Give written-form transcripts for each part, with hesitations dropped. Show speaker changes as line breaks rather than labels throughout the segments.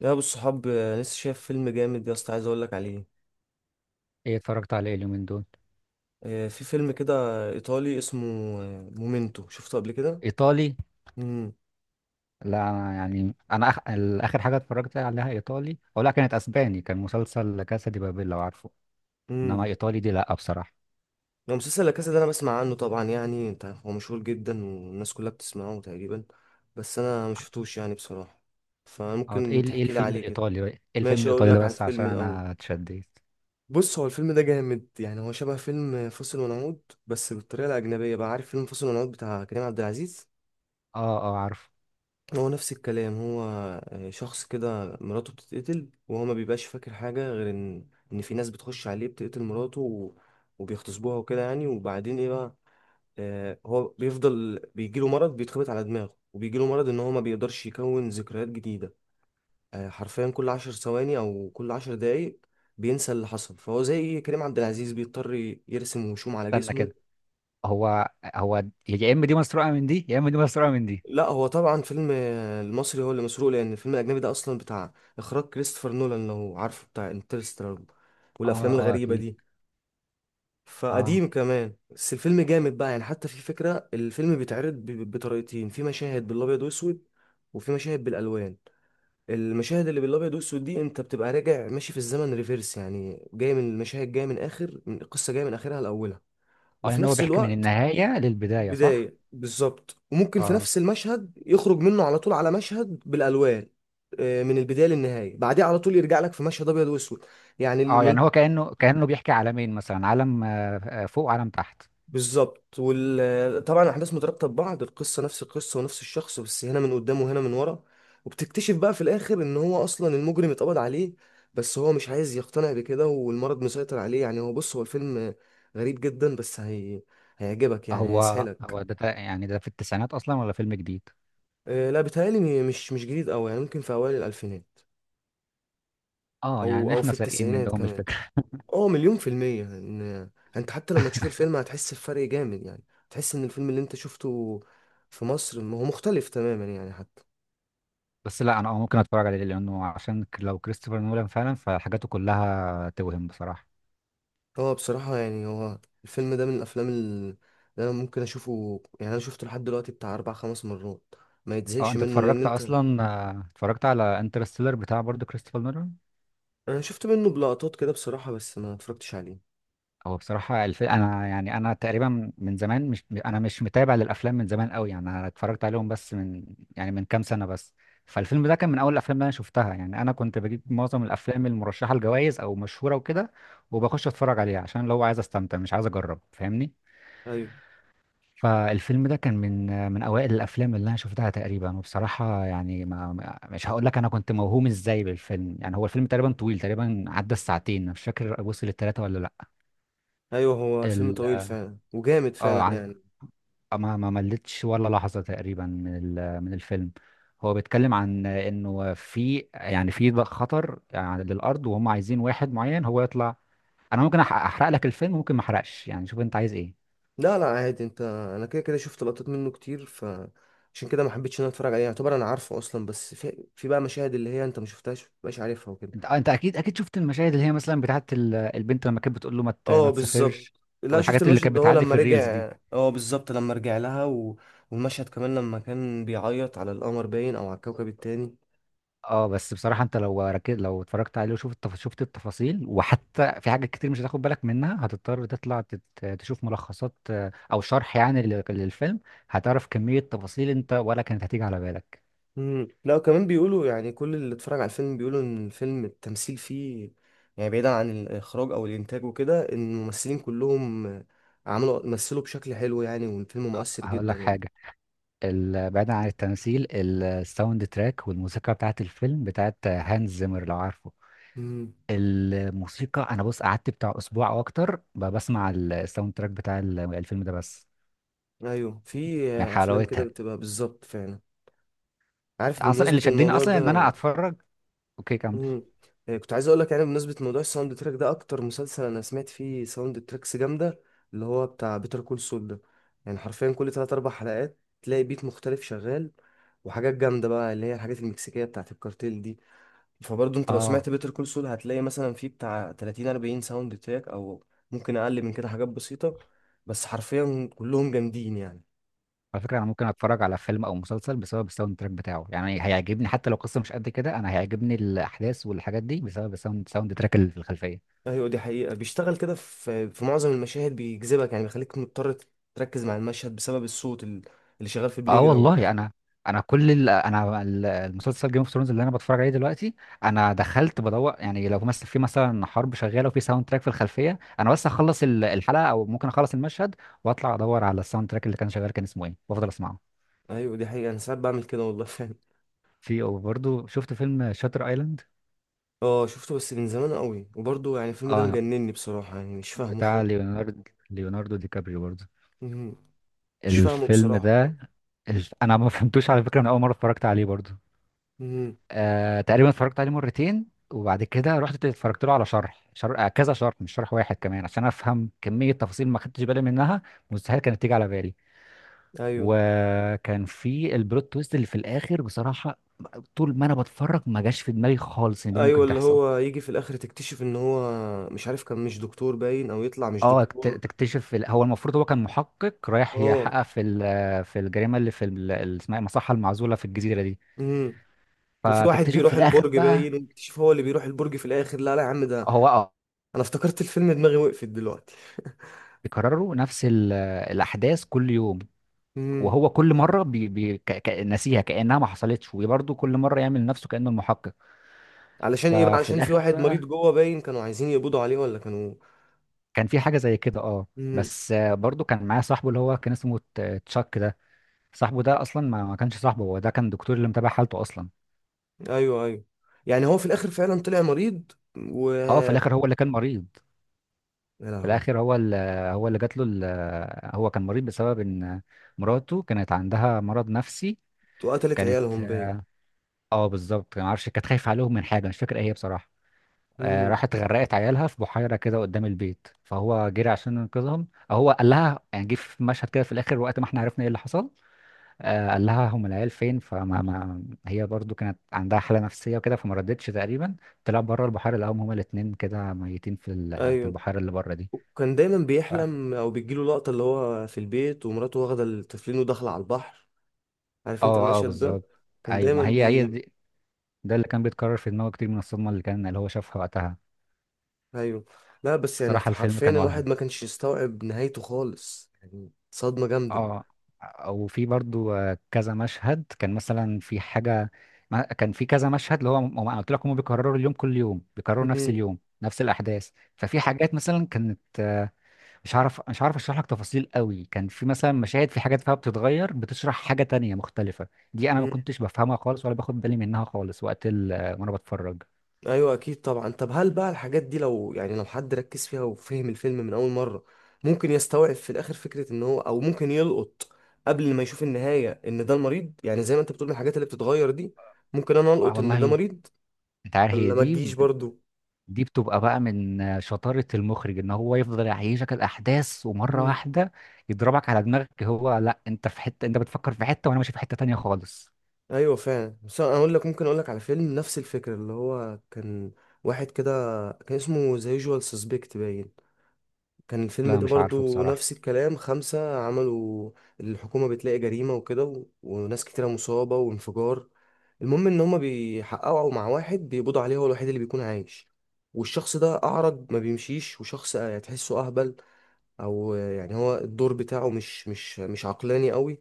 يا ابو الصحاب لسه شايف فيلم جامد يا اسطى عايز اقول لك عليه.
ايه اتفرجت على ايه اليومين دول؟
في فيلم كده ايطالي اسمه مومينتو شفته قبل كده.
ايطالي.
امم
لا أنا يعني اخر حاجه اتفرجت عليها ايطالي او لا، كانت اسباني، كان مسلسل لا كاسا دي بابيل، لو عارفه. انما
امم
ايطالي دي لا بصراحه.
لو مسلسل لا كاسا ده انا بسمع عنه طبعا، يعني انت عارف هو مشهور جدا والناس كلها بتسمعه تقريبا، بس انا ما شفتوش يعني بصراحه،
اه،
فممكن
ايه
تحكي لي
الفيلم
عليه كده.
الايطالي بقى؟ ايه الفيلم
ماشي اقول
الايطالي ده،
لك على
بس عشان
الفيلم الاول.
انا اتشديت.
بص هو الفيلم ده جامد، يعني هو شبه فيلم فاصل ونعود بس بالطريقه الاجنبيه بقى، عارف فيلم فاصل ونعود بتاع كريم عبد العزيز؟
اه عارفه.
هو نفس الكلام هو. شخص كده مراته بتتقتل وهو ما بيبقاش فاكر حاجة غير ان في ناس بتخش عليه بتقتل مراته وبيغتصبوها وكده يعني، وبعدين ايه بقى، هو بيفضل بيجيله مرض بيتخبط على دماغه وبيجيله مرض ان هو ما بيقدرش يكون ذكريات جديدة. حرفيا كل 10 ثواني او كل 10 دقايق بينسى اللي حصل، فهو زي كريم عبد العزيز بيضطر يرسم وشوم على
استنى كده.
جسمه.
هو يا اما دي مسروقه من دي، يا اما دي مسروقه من دي.
لا هو طبعا فيلم المصري هو اللي مسروق، لان الفيلم الاجنبي ده اصلا بتاع اخراج كريستوفر نولان، لو عارفه بتاع انترستيلر
اه
والافلام
اه
الغريبه
اكيد.
دي.
اه
فقديم كمان، بس الفيلم جامد بقى يعني. حتى في فكره الفيلم بيتعرض بطريقتين، في مشاهد بالابيض واسود وفي مشاهد بالالوان. المشاهد اللي بالابيض واسود دي انت بتبقى راجع ماشي في الزمن ريفيرس، يعني جاي من المشاهد، جايه من اخر من القصه، جايه من اخرها لاولها.
اه
وفي
يعني هو
نفس
بيحكي من
الوقت
النهايه للبدايه، صح.
البداية بالظبط. وممكن في
اه
نفس المشهد يخرج منه على طول على مشهد بالألوان، من البداية للنهاية، بعديه على طول يرجع لك في مشهد أبيض وأسود. يعني
اه، يعني
المل...
هو كانه بيحكي عالمين، مثلا عالم فوق وعالم تحت.
بالظبط. وطبعا الأحداث مترابطة ببعض، القصة نفس القصة ونفس الشخص، بس هنا من قدام وهنا من ورا. وبتكتشف بقى في الآخر إن هو أصلا المجرم اتقبض عليه، بس هو مش عايز يقتنع بكده والمرض مسيطر عليه يعني. هو بص هو الفيلم غريب جدا، هيعجبك يعني،
هو
هيسحلك.
هو ده يعني ده في التسعينات اصلا، ولا فيلم جديد؟
لا بيتهيألي مش جديد أوي يعني، ممكن في أوائل الألفينات
اه،
او
يعني
او في
احنا سارقين
التسعينات
منهم
كمان.
الفكره.
اه 100% ان انت حتى لما تشوف الفيلم هتحس بفرق جامد يعني. تحس ان الفيلم اللي انت شفته في مصر هو مختلف تماما يعني حتى.
بس لا انا اه ممكن اتفرج عليه، لانه عشان لو كريستوفر نولان فعلا، فحاجاته كلها توهم بصراحه.
هو بصراحة يعني هو الفيلم ده من اللي انا ممكن اشوفه، يعني انا شفته لحد دلوقتي بتاع 4 5 مرات ما
اه،
يتزهقش
انت
منه، لان
اتفرجت
انت
اصلا، آه، اتفرجت على انترستيلر بتاع برضه كريستوفر نولان؟
انا شفت منه بلقطات كده بصراحة، بس ما اتفرجتش عليه.
هو بصراحة أنا يعني تقريبا من زمان مش متابع للأفلام من زمان قوي، يعني أنا اتفرجت عليهم بس من، يعني من كام سنة بس. فالفيلم ده كان من أول الأفلام اللي أنا شفتها. يعني أنا كنت بجيب معظم الأفلام المرشحة لجوائز أو مشهورة وكده، وبخش أتفرج عليها، عشان لو عايز أستمتع مش عايز أجرب، فاهمني؟
ايوه
فالفيلم ده كان من من أوائل الأفلام اللي أنا شفتها تقريبا. وبصراحة يعني مش هقول لك أنا كنت موهوم إزاي بالفيلم. يعني هو الفيلم تقريبا طويل، تقريبا عدى الساعتين، أنا مش فاكر وصل للتلاتة ولا
ايوه، هو الفيلم طويل
لأ.
فعلا وجامد
اه
فعلا
ع-
يعني.
ما ملتش ولا لحظة تقريبا من من الفيلم. هو بيتكلم عن انه في يعني في خطر يعني للارض، وهم عايزين واحد معين هو يطلع. انا ممكن احرق لك الفيلم، ممكن ما احرقش، يعني شوف انت عايز ايه.
لا لا عادي انت. انا كده كده شفت لقطات منه كتير، فعشان كده ما حبيتش ان انا اتفرج عليه، يعتبر انا عارفه اصلا، بس في بقى مشاهد اللي هي انت ما شفتهاش ما بقاش عارفها وكده.
انت آه، انت اكيد اكيد شفت المشاهد اللي هي مثلا بتاعت البنت لما كانت بتقول له
اه
ما تسافرش،
بالظبط، لا شفت
والحاجات اللي
المشهد
كانت
ده هو
بتعدي
لما
في
رجع،
الريلز دي.
اه بالظبط لما رجع لها والمشهد كمان لما كان بيعيط على القمر باين او على الكوكب التاني.
اه بس بصراحة انت لو ركز، لو اتفرجت عليه وشفت شفت التفاصيل، وحتى في حاجات كتير مش هتاخد بالك منها، هتضطر تطلع تشوف ملخصات او شرح يعني للفيلم. هتعرف كمية تفاصيل انت ولا كانت هتيجي على بالك.
مم. لا وكمان بيقولوا يعني كل اللي اتفرج على الفيلم بيقولوا ان الفيلم التمثيل فيه، يعني بعيدا عن الاخراج او الانتاج وكده، ان الممثلين كلهم مثلوا بشكل حلو يعني، والفيلم
آه،
مؤثر
هقول
جدا
لك
يعني.
حاجة. بعيدا عن التمثيل، الساوند تراك والموسيقى بتاعت الفيلم بتاعت هانز زيمر، لو عارفه.
مم.
الموسيقى انا بص، قعدت بتاع اسبوع او اكتر بسمع الساوند تراك بتاع الفيلم ده بس،
ايوه في
من
افلام كده
حلاوتها.
بتبقى بالظبط فعلا. عارف
اصلا
بمناسبة
اللي شدني
الموضوع
اصلا ان انا
ده،
اتفرج. اوكي، كمل.
مم. إيه، كنت عايز اقول لك يعني بمناسبه موضوع الساوند تراك ده، اكتر مسلسل انا سمعت فيه ساوند تراكس جامده اللي هو بتاع بيتر كول سول ده. يعني حرفيا كل 3 4 حلقات تلاقي بيت مختلف شغال، وحاجات جامده بقى اللي هي الحاجات المكسيكيه بتاعت الكارتيل دي. فبرضه انت لو
اه،
سمعت بيتر كول سول هتلاقي مثلا فيه بتاع 30 40 ساوند تراك، او ممكن اقل من كده، حاجات بسيطه، بس حرفيا كلهم جامدين يعني.
على فكرة انا ممكن اتفرج على فيلم او مسلسل بسبب الساوند تراك بتاعه. يعني هيعجبني حتى لو قصة مش قد كده، انا هيعجبني الاحداث والحاجات دي بسبب الساوند، ساوند تراك اللي في الخلفية.
ايوه دي حقيقة، بيشتغل كده في معظم المشاهد، بيجذبك يعني، بيخليك مضطر تركز مع المشهد بسبب اللي شغال في البلاي
اه
جراوند.
والله انا، انا كل انا المسلسل جيم اوف ثرونز اللي انا بتفرج عليه دلوقتي، انا دخلت بدور. يعني لو مثلا في مثلا حرب شغاله، وفي ساوند تراك في الخلفيه، انا بس اخلص الحلقه، او ممكن اخلص المشهد، واطلع ادور على الساوند تراك اللي كان شغال كان اسمه ايه، وافضل اسمعه.
ايوه دي حقيقة، انا ساعات بعمل كده والله فعلا.
في وبرضه شفت فيلم شاتر ايلاند.
اه شفته بس من زمان قوي، وبرضه يعني الفيلم ده
اه
مجنني بصراحة، يعني مش فاهمه
بتاع
خالص.
ليوناردو، ليوناردو دي كابريو برضه
مهم. مش فاهمه
الفيلم
بصراحة خالص.
ده. انا ما فهمتوش على فكره من اول مره اتفرجت عليه برضو.
مهم.
تقريبا اتفرجت عليه مرتين، وبعد كده رحت اتفرجت له على شرح، شرح آه، كذا شرح، مش شرح واحد كمان، عشان افهم كميه تفاصيل ما خدتش بالي منها، مستحيل كانت تيجي على بالي.
ايوه
وكان في البلوت تويست اللي في الاخر بصراحه، طول ما انا بتفرج ما جاش في دماغي خالص ان دي
ايوه،
ممكن
اللي
تحصل.
هو يجي في الاخر تكتشف ان هو مش عارف، كان مش دكتور باين او يطلع مش دكتور.
تكتشف في هو المفروض هو كان محقق رايح
اه.
يحقق في في الجريمه اللي في اللي اسمها إيه؟ المصحه المعزوله في الجزيره دي.
مهم. وفي واحد
فتكتشف في
بيروح
الاخر
البرج
بقى.
باين، ويكتشف هو اللي بيروح البرج في الاخر. لا لا يا عم ده
هو اه
انا افتكرت الفيلم دماغي وقفت دلوقتي.
بيكرروا نفس الاحداث كل يوم،
امم.
وهو كل مره ناسيها كانها ما حصلتش، وبرضه كل مره يعمل نفسه كانه المحقق.
علشان ايه بقى؟
ففي
علشان في
الاخر
واحد مريض
بقى
جوه باين كانوا عايزين يقبضوا عليه، ولا كانوا.
كان في حاجه زي كده، اه.
امم.
بس آه، برضه كان معايا صاحبه اللي هو كان اسمه تشاك ده، صاحبه ده اصلا ما كانش صاحبه، هو ده كان دكتور اللي متابع حالته اصلا.
ايوه ايوه، يعني هو في الاخر فعلا طلع مريض و
اه، في
يا
الاخر هو اللي كان مريض. في
لهوي.
الاخر هو اللي هو اللي جات له هو كان مريض بسبب ان مراته كانت عندها مرض نفسي.
وقتلت
كانت،
عيالهم باين.
اه بالظبط. ما اعرفش كانت خايفه عليهم من حاجه، مش فاكر ايه هي بصراحه. آه
امم.
راحت غرقت عيالها في بحيره كده قدام البيت، فهو جري عشان ينقذهم. آه، هو قال لها يعني، جه في مشهد كده في الاخر وقت ما احنا عرفنا ايه اللي حصل. آه قال لها هم العيال فين، فما ما هي برضو كانت عندها حاله نفسيه وكده، فما ردتش تقريبا. طلع بره البحيره لقاهم هما الاتنين كده ميتين في في
ايوه
البحيره اللي بره دي.
وكان دايما
ف-
بيحلم، او بتجيله لقطة اللي هو في البيت ومراته واخدة التفلين وداخلة على البحر. عارف انت
اه
المشهد ده؟
بالظبط.
كان
ايوه
دايما
ما هي هي
بي
دي، ده اللي كان بيتكرر في دماغه كتير من الصدمه اللي كان اللي هو شافها وقتها.
ايوه. لا بس يعني
صراحه الفيلم
حرفيا
كان
الواحد
وهم.
ما كانش يستوعب نهايته خالص، يعني صدمة جامدة.
اه، وفي برضو آه، كذا مشهد كان مثلا في حاجة كان في كذا مشهد اللي هو ما أنا قلت لك هم بيكرروا اليوم، كل يوم بيكرروا نفس
امم.
اليوم نفس الأحداث. ففي حاجات مثلا كانت آه، مش عارف أشرح لك تفاصيل قوي، كان في مثلا مشاهد، في حاجات فيها بتتغير بتشرح حاجة تانية مختلفة. دي أنا ما كنتش بفهمها خالص، ولا باخد بالي منها خالص وقت آه، وأنا بتفرج.
ايوه اكيد طبعا. طب هل بقى الحاجات دي، لو يعني لو حد ركز فيها وفهم الفيلم من اول مره، ممكن يستوعب في الاخر فكره ان هو، او ممكن يلقط قبل ما يشوف النهايه ان ده المريض، يعني زي ما انت بتقول الحاجات اللي بتتغير دي، ممكن انا
آه
القط ان ده
والله.
مريض،
أنت عارف، هي
ولا ما
دي،
تجيش برضو؟
دي بتبقى بقى من شطارة المخرج، ان هو يفضل يعيشك الاحداث ومرة
مم.
واحدة يضربك على دماغك. هو لا، انت في حتة، انت بتفكر في حتة وانا ماشي في حتة تانية خالص.
ايوه فعلا. بس انا اقول لك، ممكن اقول لك على فيلم نفس الفكره، اللي هو كان واحد كده كان اسمه ذا يوجوال سسبكت باين، كان الفيلم
لا
ده
مش عارفه
برضو
بصراحة.
نفس الكلام. 5 عملوا الحكومة بتلاقي جريمة وكده وناس كتيرة مصابة وانفجار. المهم إن هما بيحققوا مع واحد بيقبضوا عليه، هو الوحيد اللي بيكون عايش. والشخص ده أعرج ما بيمشيش، وشخص تحسه أهبل، أو يعني هو الدور بتاعه مش عقلاني قوي.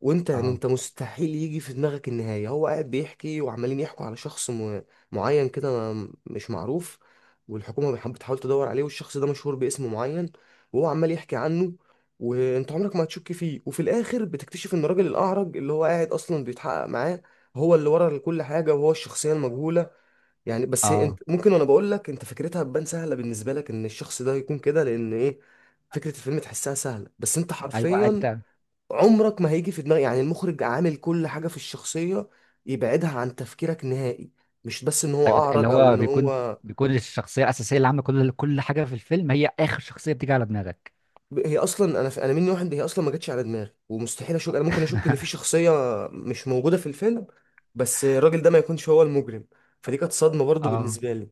وانت يعني
اه.
انت مستحيل يجي في دماغك النهاية. هو قاعد بيحكي وعمالين يحكوا على معين كده، مش معروف، والحكومة بتحاول تدور عليه، والشخص ده مشهور باسم معين، وهو عمال يحكي عنه، وانت عمرك ما هتشك فيه. وفي الاخر بتكتشف ان الراجل الاعرج اللي هو قاعد اصلا بيتحقق معاه هو اللي ورا كل حاجة، وهو الشخصية المجهولة. يعني بس هي
اه
انت ممكن، وانا بقول لك انت فكرتها تبان سهلة بالنسبة لك ان الشخص ده يكون كده، لان ايه فكرة الفيلم تحسها سهلة، بس انت
ايوه
حرفيا
انت.
عمرك ما هيجي في دماغك، يعني المخرج عامل كل حاجة في الشخصية يبعدها عن تفكيرك نهائي، مش بس ان هو
ايوه ده اللي
اعرج او
هو
ان
بيكون
هو.
بيكون الشخصية الاساسية اللي عاملة كل حاجة في الفيلم هي اخر شخصية بتيجي على دماغك.
هي اصلا انا مني واحد، هي اصلا ما جاتش على دماغي، ومستحيل اشك، انا ممكن اشك ان في شخصية مش موجودة في الفيلم، بس الراجل ده ما يكونش هو المجرم. فدي كانت صدمة برضو
اه
بالنسبة لي.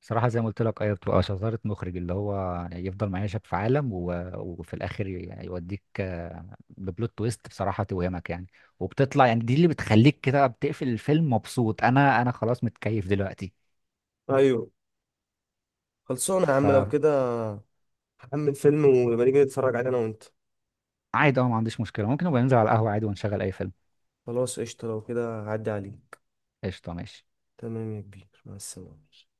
صراحة زي ما قلت لك، أيوة بتبقى شطارة مخرج اللي هو يعني يفضل معيشك في عالم، وفي الآخر يعني يوديك ببلوت تويست بصراحة، توهمك يعني. وبتطلع، يعني دي اللي بتخليك كده بتقفل الفيلم مبسوط. أنا خلاص متكيف دلوقتي.
ايوه خلصانة يا عم لو
فعادي.
كده، هحمل فيلم ونبقى نيجي نتفرج عليه انا وانت.
أه ما عنديش مشكلة، ممكن نبقى ننزل على القهوة عادي ونشغل أي فيلم.
خلاص قشطة لو كده، عدي عليك.
قشطة، ماشي.
تمام يا كبير مع السلامة.